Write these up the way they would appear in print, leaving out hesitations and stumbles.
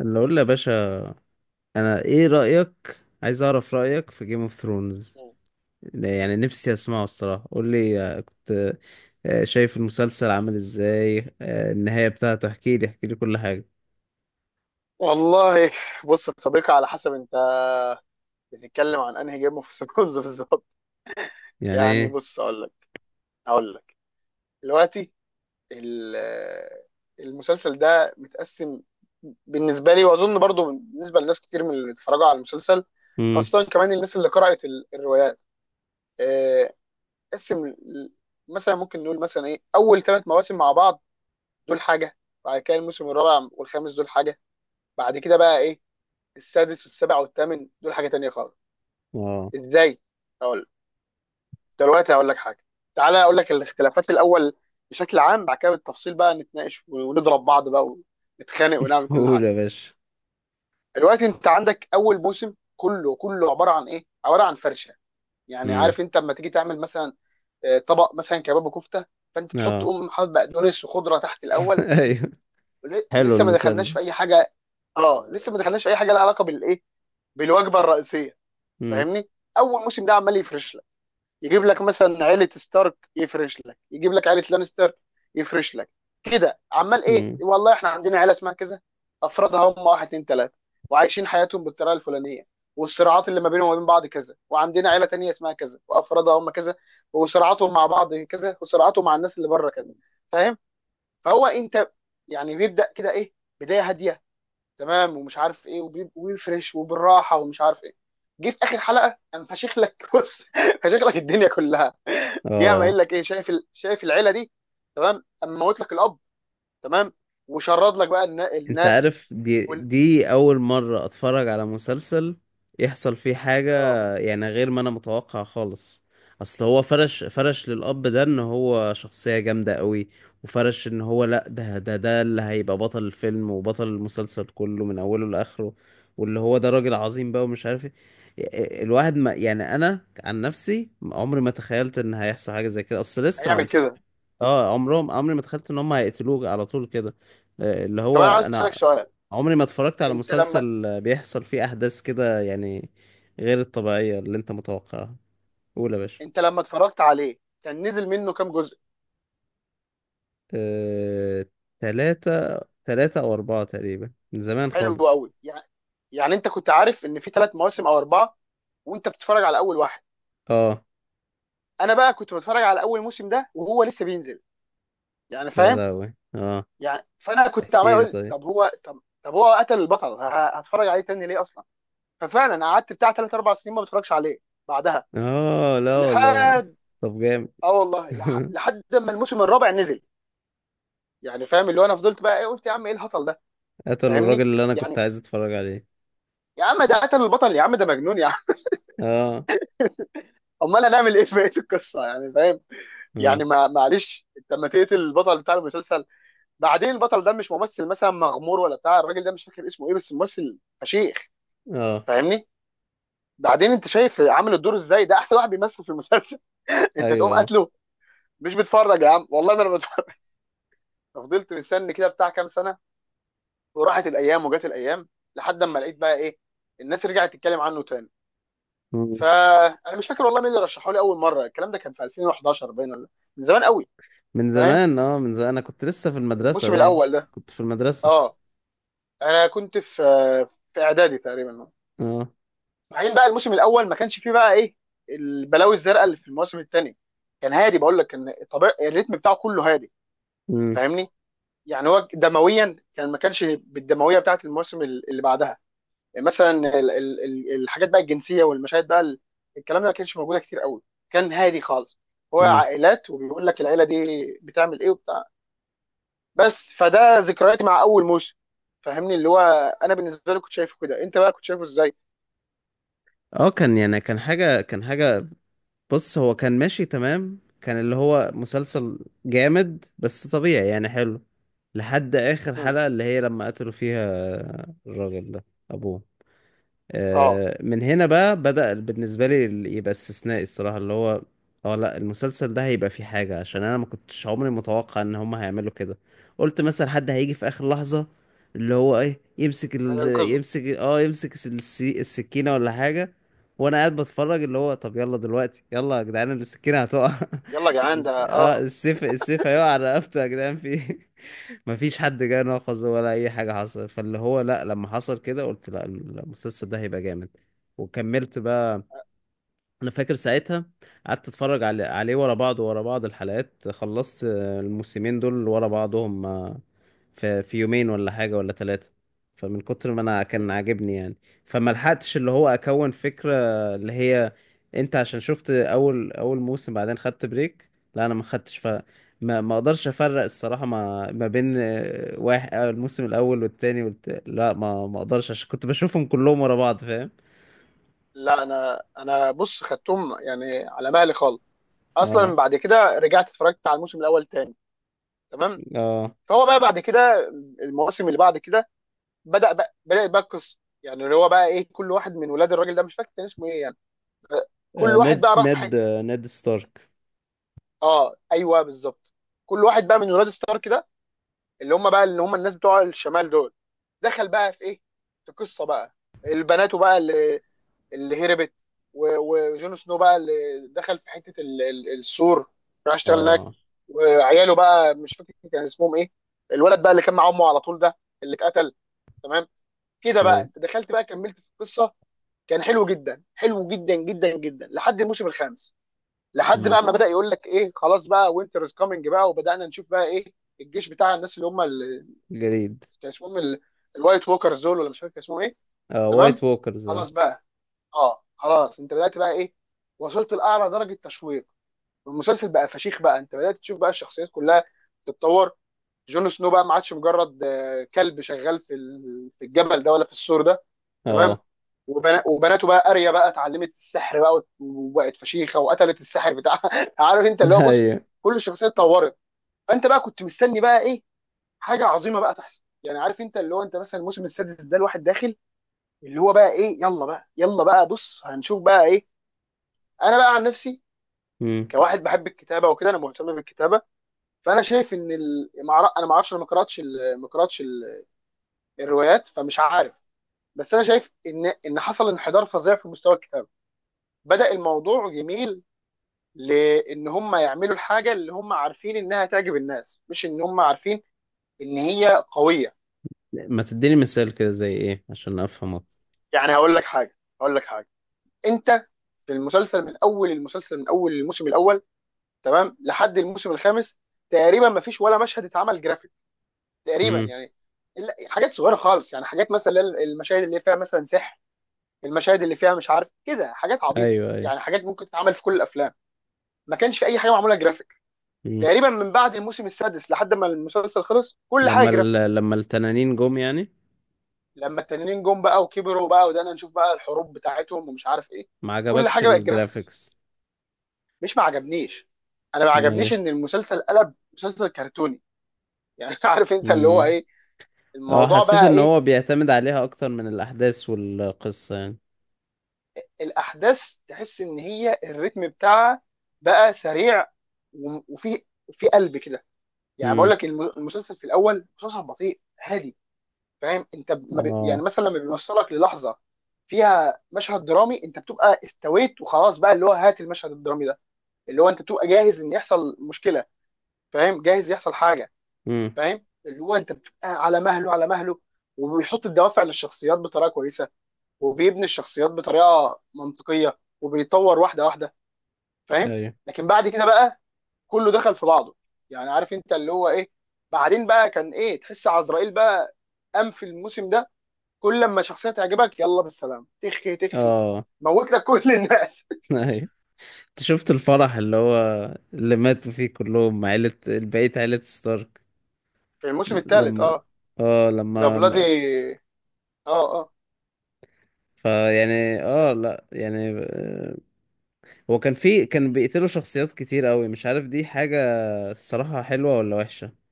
اللي اقول له يا باشا، انا ايه رأيك؟ عايز اعرف رأيك في جيم اوف ثرونز. مم. يعني نفسي اسمعه الصراحة، قول لي. كنت شايف المسلسل عامل ازاي؟ النهاية بتاعته احكي لي احكي لي كل حاجة. والله، بص يا صديقي، على حسب انت بتتكلم عن انهي جيم اوف ثرونز بالظبط. يعني يعني ايه؟ بص، اقول لك دلوقتي. ال- المسلسل ده متقسم بالنسبه لي، واظن برضو بالنسبه لناس كتير من اللي اتفرجوا على المسلسل، امم. خاصه كمان الناس اللي قرات الروايات. آه، قسم مثلا ممكن نقول مثلا ايه، اول ثلاث مواسم مع بعض دول حاجه، بعد كده الموسم الرابع والخامس دول حاجه، بعد كده بقى ايه السادس والسابع والثامن دول حاجه تانية خالص. اه. ازاي؟ اقول دلوقتي هقول لك حاجه. تعالى اقول لك الاختلافات الاول بشكل عام، بعد كده بالتفصيل بقى نتناقش ونضرب بعض بقى ونتخانق ونعمل كل قول حاجه. يا باشا. دلوقتي انت عندك اول موسم كله كله عباره عن ايه، عباره عن فرشه. يعني امم. عارف انت لما تيجي تعمل مثلا طبق مثلا كباب وكفته، فانت تحط اه. تقوم حاطط بقدونس وخضره تحت الاول. ايوه. حلو لسه ما المثال دخلناش ده. في اي حاجه. اه لسه ما دخلناش في اي حاجه لها علاقه بالايه، بالوجبه الرئيسيه. امم. فاهمني؟ اول موسم ده عمال يفرش، يجيب لك مثلا عيله ستارك، يفرش لك، يجيب لك عيله لانستر، يفرش لك، كده عمال ايه، امم. والله احنا عندنا عيله اسمها كذا، افرادها هم واحد اتنين تلاته، وعايشين حياتهم بالطريقه الفلانيه، والصراعات اللي ما بينهم وما بين بعض كذا، وعندنا عيله تانيه اسمها كذا وافرادها هم كذا، وصراعاتهم مع بعض كذا، وصراعاتهم مع الناس اللي بره كذا. فاهم؟ فهو انت يعني بيبدا كده ايه، بدايه هاديه، تمام، ومش عارف ايه، وبيفرش وبالراحه ومش عارف ايه. جيت اخر حلقه انا فشخ لك بص، فشخ لك الدنيا كلها. جه عم اه. قايل لك ايه، شايف شايف العيله دي، تمام، اما موت لك الاب، تمام، وشرد لك بقى انت الناس. عارف، دي وال... دي اول مرة اتفرج على مسلسل يحصل فيه حاجة اه، يعني غير ما انا متوقع خالص. اصل هو فرش فرش للاب ده ان هو شخصية جامدة قوي، وفرش ان هو لا، ده اللي هيبقى بطل الفيلم وبطل المسلسل كله من اوله لاخره، واللي هو ده راجل عظيم بقى ومش عارف ايه. الواحد ما يعني انا عن نفسي عمري ما تخيلت ان هيحصل حاجة زي كده، اصل لسه هيعمل ما كده. اه عمرهم عمري ما تخيلت ان هم هيقتلوك على طول كده. اللي طب هو انا عايز اسالك انا سؤال. عمري ما اتفرجت على انت لما مسلسل بيحصل فيه احداث كده، يعني غير الطبيعية اللي انت متوقعها. قول يا باشا. انت لما اتفرجت عليه كان نزل منه كام جزء؟ آه، تلاتة. تلاتة او اربعة تقريبا من زمان حلو خالص. قوي. يعني يعني انت كنت عارف ان في ثلاث مواسم او اربعه وانت بتتفرج على اول واحد. اه. انا بقى كنت بتفرج على اول موسم ده وهو لسه بينزل، يعني يا فاهم؟ لهوي اه. يعني فانا كنت عمال احكي لي اقول طيب. طب هو طب هو قتل البطل، هتفرج عليه تاني ليه اصلا؟ ففعلا قعدت بتاع ثلاث اربع سنين ما بتفرجش عليه، بعدها، اه لا والله. لحد، طب جامد. اه والله لحد ما الموسم الرابع نزل. يعني فاهم اللي هو انا فضلت بقى ايه، قلت يا عم ايه الهطل ده. قتلوا الراجل فاهمني؟ اللي انا كنت يعني عايز اتفرج عليه. يا عم ده قتل البطل، يا عم ده مجنون، يا عم اه. امال هنعمل ايه في بقيه القصه؟ يعني فاهم؟ اه. يعني، ما معلش، انت لما تقتل البطل بتاع المسلسل، بعدين البطل ده مش ممثل مثلا مغمور ولا بتاع، الراجل ده مش فاكر اسمه ايه بس ممثل فشيخ. اه. فاهمني؟ بعدين انت شايف عامل الدور ازاي، ده احسن واحد بيمثل في المسلسل انت تقوم ايوه. قاتله؟ مش بتفرج يا عم، والله ما انا بتفرج. ففضلت مستني كده بتاع كام سنه، وراحت الايام وجت الايام، لحد ما لقيت بقى ايه، الناس رجعت تتكلم عنه تاني. آه. فانا مش فاكر والله مين اللي رشحه لي اول مره، الكلام ده كان في 2011 باين، ولا من زمان قوي. من فاهم؟ زمان، اه، من زمان انا كنت لسه في المدرسة الموسم باين. الاول ده. كنت في المدرسة. اه انا كنت في اعدادي تقريبا. اه. بعدين بقى الموسم الاول ما كانش فيه بقى ايه البلاوي الزرقاء اللي في الموسم الثاني. كان هادي، بقول لك كان طبيعي الريتم بتاعه كله هادي. امم. فاهمني؟ يعني هو دمويا كان ما كانش بالدمويه بتاعت الموسم اللي بعدها. يعني مثلا الحاجات بقى الجنسيه، والمشاهد بقى الكلام ده ما كانش موجوده كتير قوي. كان هادي خالص. هو امم. عائلات وبيقول لك العيله دي بتعمل ايه وبتاع. بس فده ذكرياتي مع اول موسم. فاهمني اللي هو، انا بالنسبه لي كنت شايفه كده، انت بقى كنت شايفه ازاي؟ اه. كان، يعني، كان حاجة كان حاجة. بص، هو كان ماشي تمام، كان اللي هو مسلسل جامد بس طبيعي يعني، حلو لحد آخر مم. حلقة اللي هي لما قتلوا فيها الراجل ده، أبوه. اه من هنا بقى بدأ بالنسبة لي، يبقى استثنائي الصراحة. اللي هو اه، لا المسلسل ده هيبقى فيه حاجة، عشان انا ما كنتش عمري متوقع ان هما هيعملوا كده. قلت مثلا حد هيجي في اخر لحظة اللي هو ايه، يمسك انا انقذه. يمسك اه يمسك السكينة ولا حاجة. وانا قاعد بتفرج اللي هو طب يلا دلوقتي، يلا يا جدعان السكينة هتقع، يلا يا جدعان، ده اه اه. السيف، السيف هيقع على رقبته، يا جدعان في ايه. مفيش حد جه ناقص ده ولا اي حاجه حصل، فاللي هو لا، لما حصل كده قلت لا، المسلسل ده هيبقى جامد وكملت بقى. انا فاكر ساعتها قعدت اتفرج عليه ورا بعض ورا بعض، الحلقات خلصت الموسمين دول ورا بعضهم. آه، في في يومين ولا حاجة ولا ثلاثة، فمن كتر ما انا كان مم. عاجبني يعني. فما لحقتش اللي هو اكون فكرة اللي هي انت عشان شفت اول موسم بعدين خدت بريك. لا انا ما خدتش، ف ما ما اقدرش افرق الصراحة ما ما بين واحد الموسم الاول والتاني لا ما ما اقدرش عشان كنت بشوفهم كلهم ورا بعض، فاهم. لا انا، بص خدتهم يعني على مهلي خالص. اصلا اه. بعد كده رجعت اتفرجت على الموسم الاول تاني، تمام. اه. فهو بقى بعد كده، المواسم اللي بعد كده، بدا بقى القصه. يعني اللي هو بقى ايه، كل واحد من ولاد الراجل ده مش فاكر كان اسمه ايه، يعني كل واحد بقى راح في حته. نيد ستارك. اه ايوه بالظبط. كل واحد بقى من ولاد ستارك ده، اللي هم بقى اللي هم الناس بتوع الشمال دول، دخل بقى في ايه، في قصه بقى. البنات بقى اللي، اللي هربت، وجون سنو بقى، اللي دخل في حته السور، راح اشتغل هناك. اه وعياله بقى مش فاكر كان اسمهم ايه، الولد بقى اللي كان مع امه على طول ده، اللي اتقتل، تمام. كده بقى ايوه. انت دخلت بقى كملت في القصه. كان حلو جدا، حلو جدا جدا جدا، لحد الموسم الخامس. لحد امم. بقى ما بدا يقول لك ايه، خلاص بقى وينتر از كامينج بقى وبدانا نشوف بقى ايه الجيش بتاع الناس اللي هم جديد. كان اسمهم الوايت ووكرز دول ولا مش فاكر كان اسمهم ايه. اه تمام. وايت ووكرز اه. خلاص بقى. اه خلاص، انت بدات بقى ايه، وصلت لاعلى درجه تشويق، والمسلسل بقى فشيخ، بقى انت بدات تشوف بقى الشخصيات كلها تتطور. جون سنو بقى ما عادش مجرد كلب شغال في في الجبل ده ولا في السور ده، تمام. اه. وبناته بقى اريا بقى اتعلمت السحر بقى، وبقت فشيخه وقتلت السحر بتاعها عارف انت اللي هو بص، ايوه. كل شخصيه اتطورت. فانت بقى كنت مستني بقى ايه، حاجه عظيمه بقى تحصل. يعني عارف انت اللي هو، انت مثلا الموسم السادس ده الواحد داخل اللي هو بقى ايه يلا بقى يلا بقى بص هنشوف بقى ايه. انا بقى عن نفسي، مم. كواحد بحب الكتابه وكده انا مهتم بالكتابه، فانا شايف ان انا ما اعرفش، انا ما قراتش الروايات، فمش عارف. بس انا شايف ان حصل انحدار فظيع في مستوى الكتابه. بدأ الموضوع جميل، لان هم يعملوا الحاجه اللي هم عارفين انها تعجب الناس، مش ان هم عارفين ان هي قويه. ما تديني مثال كده زي ايه عشان افهم اكتر؟ يعني هقول لك حاجه. انت، في المسلسل من اول المسلسل من اول الموسم الاول، تمام، لحد الموسم الخامس، تقريبا ما فيش ولا مشهد اتعمل جرافيك، تقريبا امم. يعني، حاجات صغيره خالص. يعني حاجات مثلا المشاهد اللي فيها مثلا سحر، المشاهد اللي فيها مش عارف كده حاجات عبيطه. ايوه ايوه. يعني حاجات ممكن تتعمل في كل الافلام، ما كانش في اي حاجه معموله جرافيك امم. تقريبا. من بعد الموسم السادس لحد ما المسلسل خلص، كل حاجه لما جرافيك. لما التنانين جم يعني. لما التانيين جم بقى وكبروا بقى وده نشوف بقى الحروب بتاعتهم ومش عارف ايه، ما كل عجبكش حاجه بقت جرافيكس. الجرافيكس؟ مش ما عجبنيش، انا ما امال عجبنيش ايه. ان المسلسل قلب مسلسل كرتوني. يعني عارف انت اللي هو امم. ايه، اه الموضوع حسيت بقى ان ايه، هو بيعتمد عليها اكتر من الاحداث والقصة يعني. الاحداث تحس ان هي الريتم بتاعها بقى سريع وفي قلب كده. يعني بقول امم. لك المسلسل في الاول مسلسل بطيء هادي. فاهم انت ما يعني اه. مثلا لما بيوصلك للحظه فيها مشهد درامي، انت بتبقى استويت وخلاص بقى اللي هو هات المشهد الدرامي ده، اللي هو انت تبقى جاهز ان يحصل مشكله. فاهم؟ جاهز يحصل حاجه. امم. فاهم اللي هو انت بتبقى على مهله على مهله، وبيحط الدوافع للشخصيات بطريقه كويسه، وبيبني الشخصيات بطريقه منطقيه وبيطور واحده واحده. فاهم؟ ايوه. لكن بعد كده بقى كله دخل في بعضه. يعني عارف انت اللي هو ايه، بعدين بقى كان ايه، تحس عزرائيل بقى قام في الموسم ده، كل لما شخصيه تعجبك يلا بالسلام، تخي تخي، اه. موت لك كل الناس. ايوه. انت شفت الفرح اللي هو اللي ماتوا فيه كلهم عيلة، بقية عيلة ستارك؟ في الموسم الثالث لما اه. اه، ذا لما بلادي، اه. فيعني اه لا يعني هو كان بيقتلوا شخصيات كتير قوي. مش عارف دي حاجة الصراحة حلوة ولا وحشة.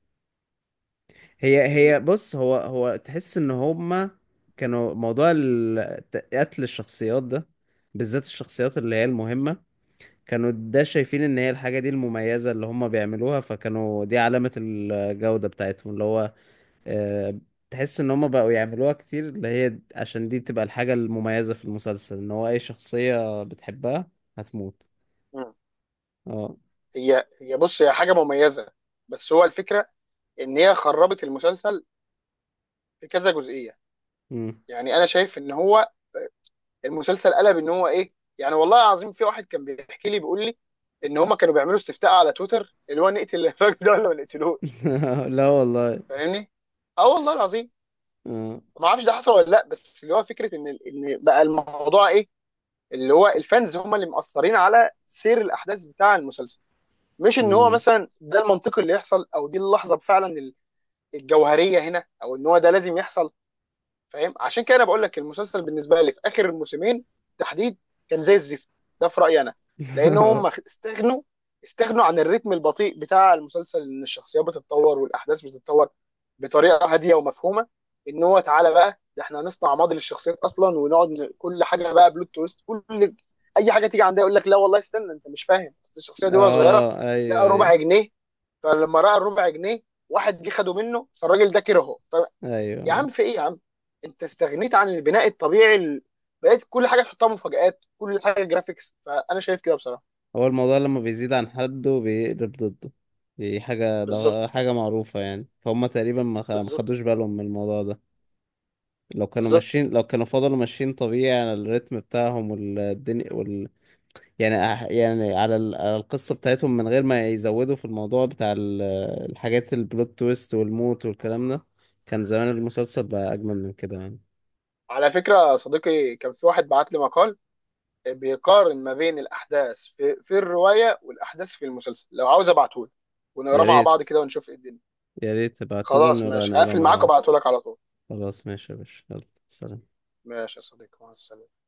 هي اه. هي بص، هو هو تحس ان هما كانوا موضوع قتل الشخصيات ده، بالذات الشخصيات اللي هي المهمة، كانوا ده شايفين ان هي الحاجة دي المميزة اللي هما بيعملوها، فكانوا دي علامة الجودة بتاعتهم، اللي هو آه، تحس ان هما بقوا يعملوها كتير، اللي هي عشان دي تبقى الحاجة المميزة في المسلسل، ان هو اي شخصية بتحبها هتموت. مم. اه. هي هي بص، هي حاجه مميزه، بس هو الفكره ان هي خربت المسلسل في كذا جزئيه. مم. يعني انا شايف ان هو المسلسل قلب، ان هو ايه، يعني والله العظيم في واحد كان بيحكي لي بيقول لي ان هم كانوا بيعملوا استفتاء على تويتر اللي هو نقتل الراجل ده ولا ما نقتلوش. لا والله. فاهمني؟ اه والله العظيم، اه. ما اعرفش ده حصل ولا لا، بس اللي هو فكره ان بقى الموضوع ايه، اللي هو الفانز هم اللي مأثرين على سير الاحداث بتاع المسلسل، مش ان هو امم. مثلا ده المنطقي اللي يحصل او دي اللحظه فعلا الجوهريه هنا، او ان هو ده لازم يحصل. فاهم؟ عشان كده انا بقول لك المسلسل بالنسبه لي في اخر الموسمين تحديد كان زي الزفت. ده في رايي انا. لان هم استغنوا، استغنوا عن الريتم البطيء بتاع المسلسل، ان الشخصيات بتتطور والاحداث بتتطور بطريقه هاديه ومفهومه، ان هو تعالى بقى ده احنا هنصنع ماضي للشخصيات اصلا، ونقعد كل حاجه بقى بلوت تويست، كل اي حاجه تيجي عندها يقول لك لا والله استنى انت مش فاهم، أصل الشخصيه دي وهي صغيره اه ايوه لقى ايوه ربع جنيه، فلما راى الربع جنيه واحد جه خده منه، فالراجل ده كرهه. طب يا ايوه. عم في ايه يا عم، انت استغنيت عن البناء الطبيعي بقيت كل حاجه تحطها مفاجآت، كل حاجه جرافيكس. فانا شايف كده بصراحه. هو الموضوع لما بيزيد عن حده بيقلب ضده، دي حاجة، ده بالظبط حاجة معروفة يعني، فهم تقريبا ما ما بالظبط خدوش بالهم من الموضوع ده. لو كانوا بالظبط. ماشيين، لو كانوا فضلوا ماشيين طبيعي على الريتم بتاعهم والدنيا يعني يعني على على القصة بتاعتهم من غير ما يزودوا في الموضوع بتاع الحاجات البلوت تويست والموت والكلام ده. كان زمان المسلسل بقى أجمل من كده يعني. على فكره يا صديقي، كان في واحد بعت لي مقال بيقارن ما بين الاحداث في الروايه والاحداث في المسلسل، لو عاوز ابعته لك يا ونقراه مع بعض ريت، كده ونشوف ايه الدنيا. يا ريت تبعتولي خلاص ونبقى ماشي، نقرا هقفل مع معاك بعض. وابعته لك على طول. خلاص ماشي يا باشا، يلا سلام. ماشي يا صديقي، مع السلامه.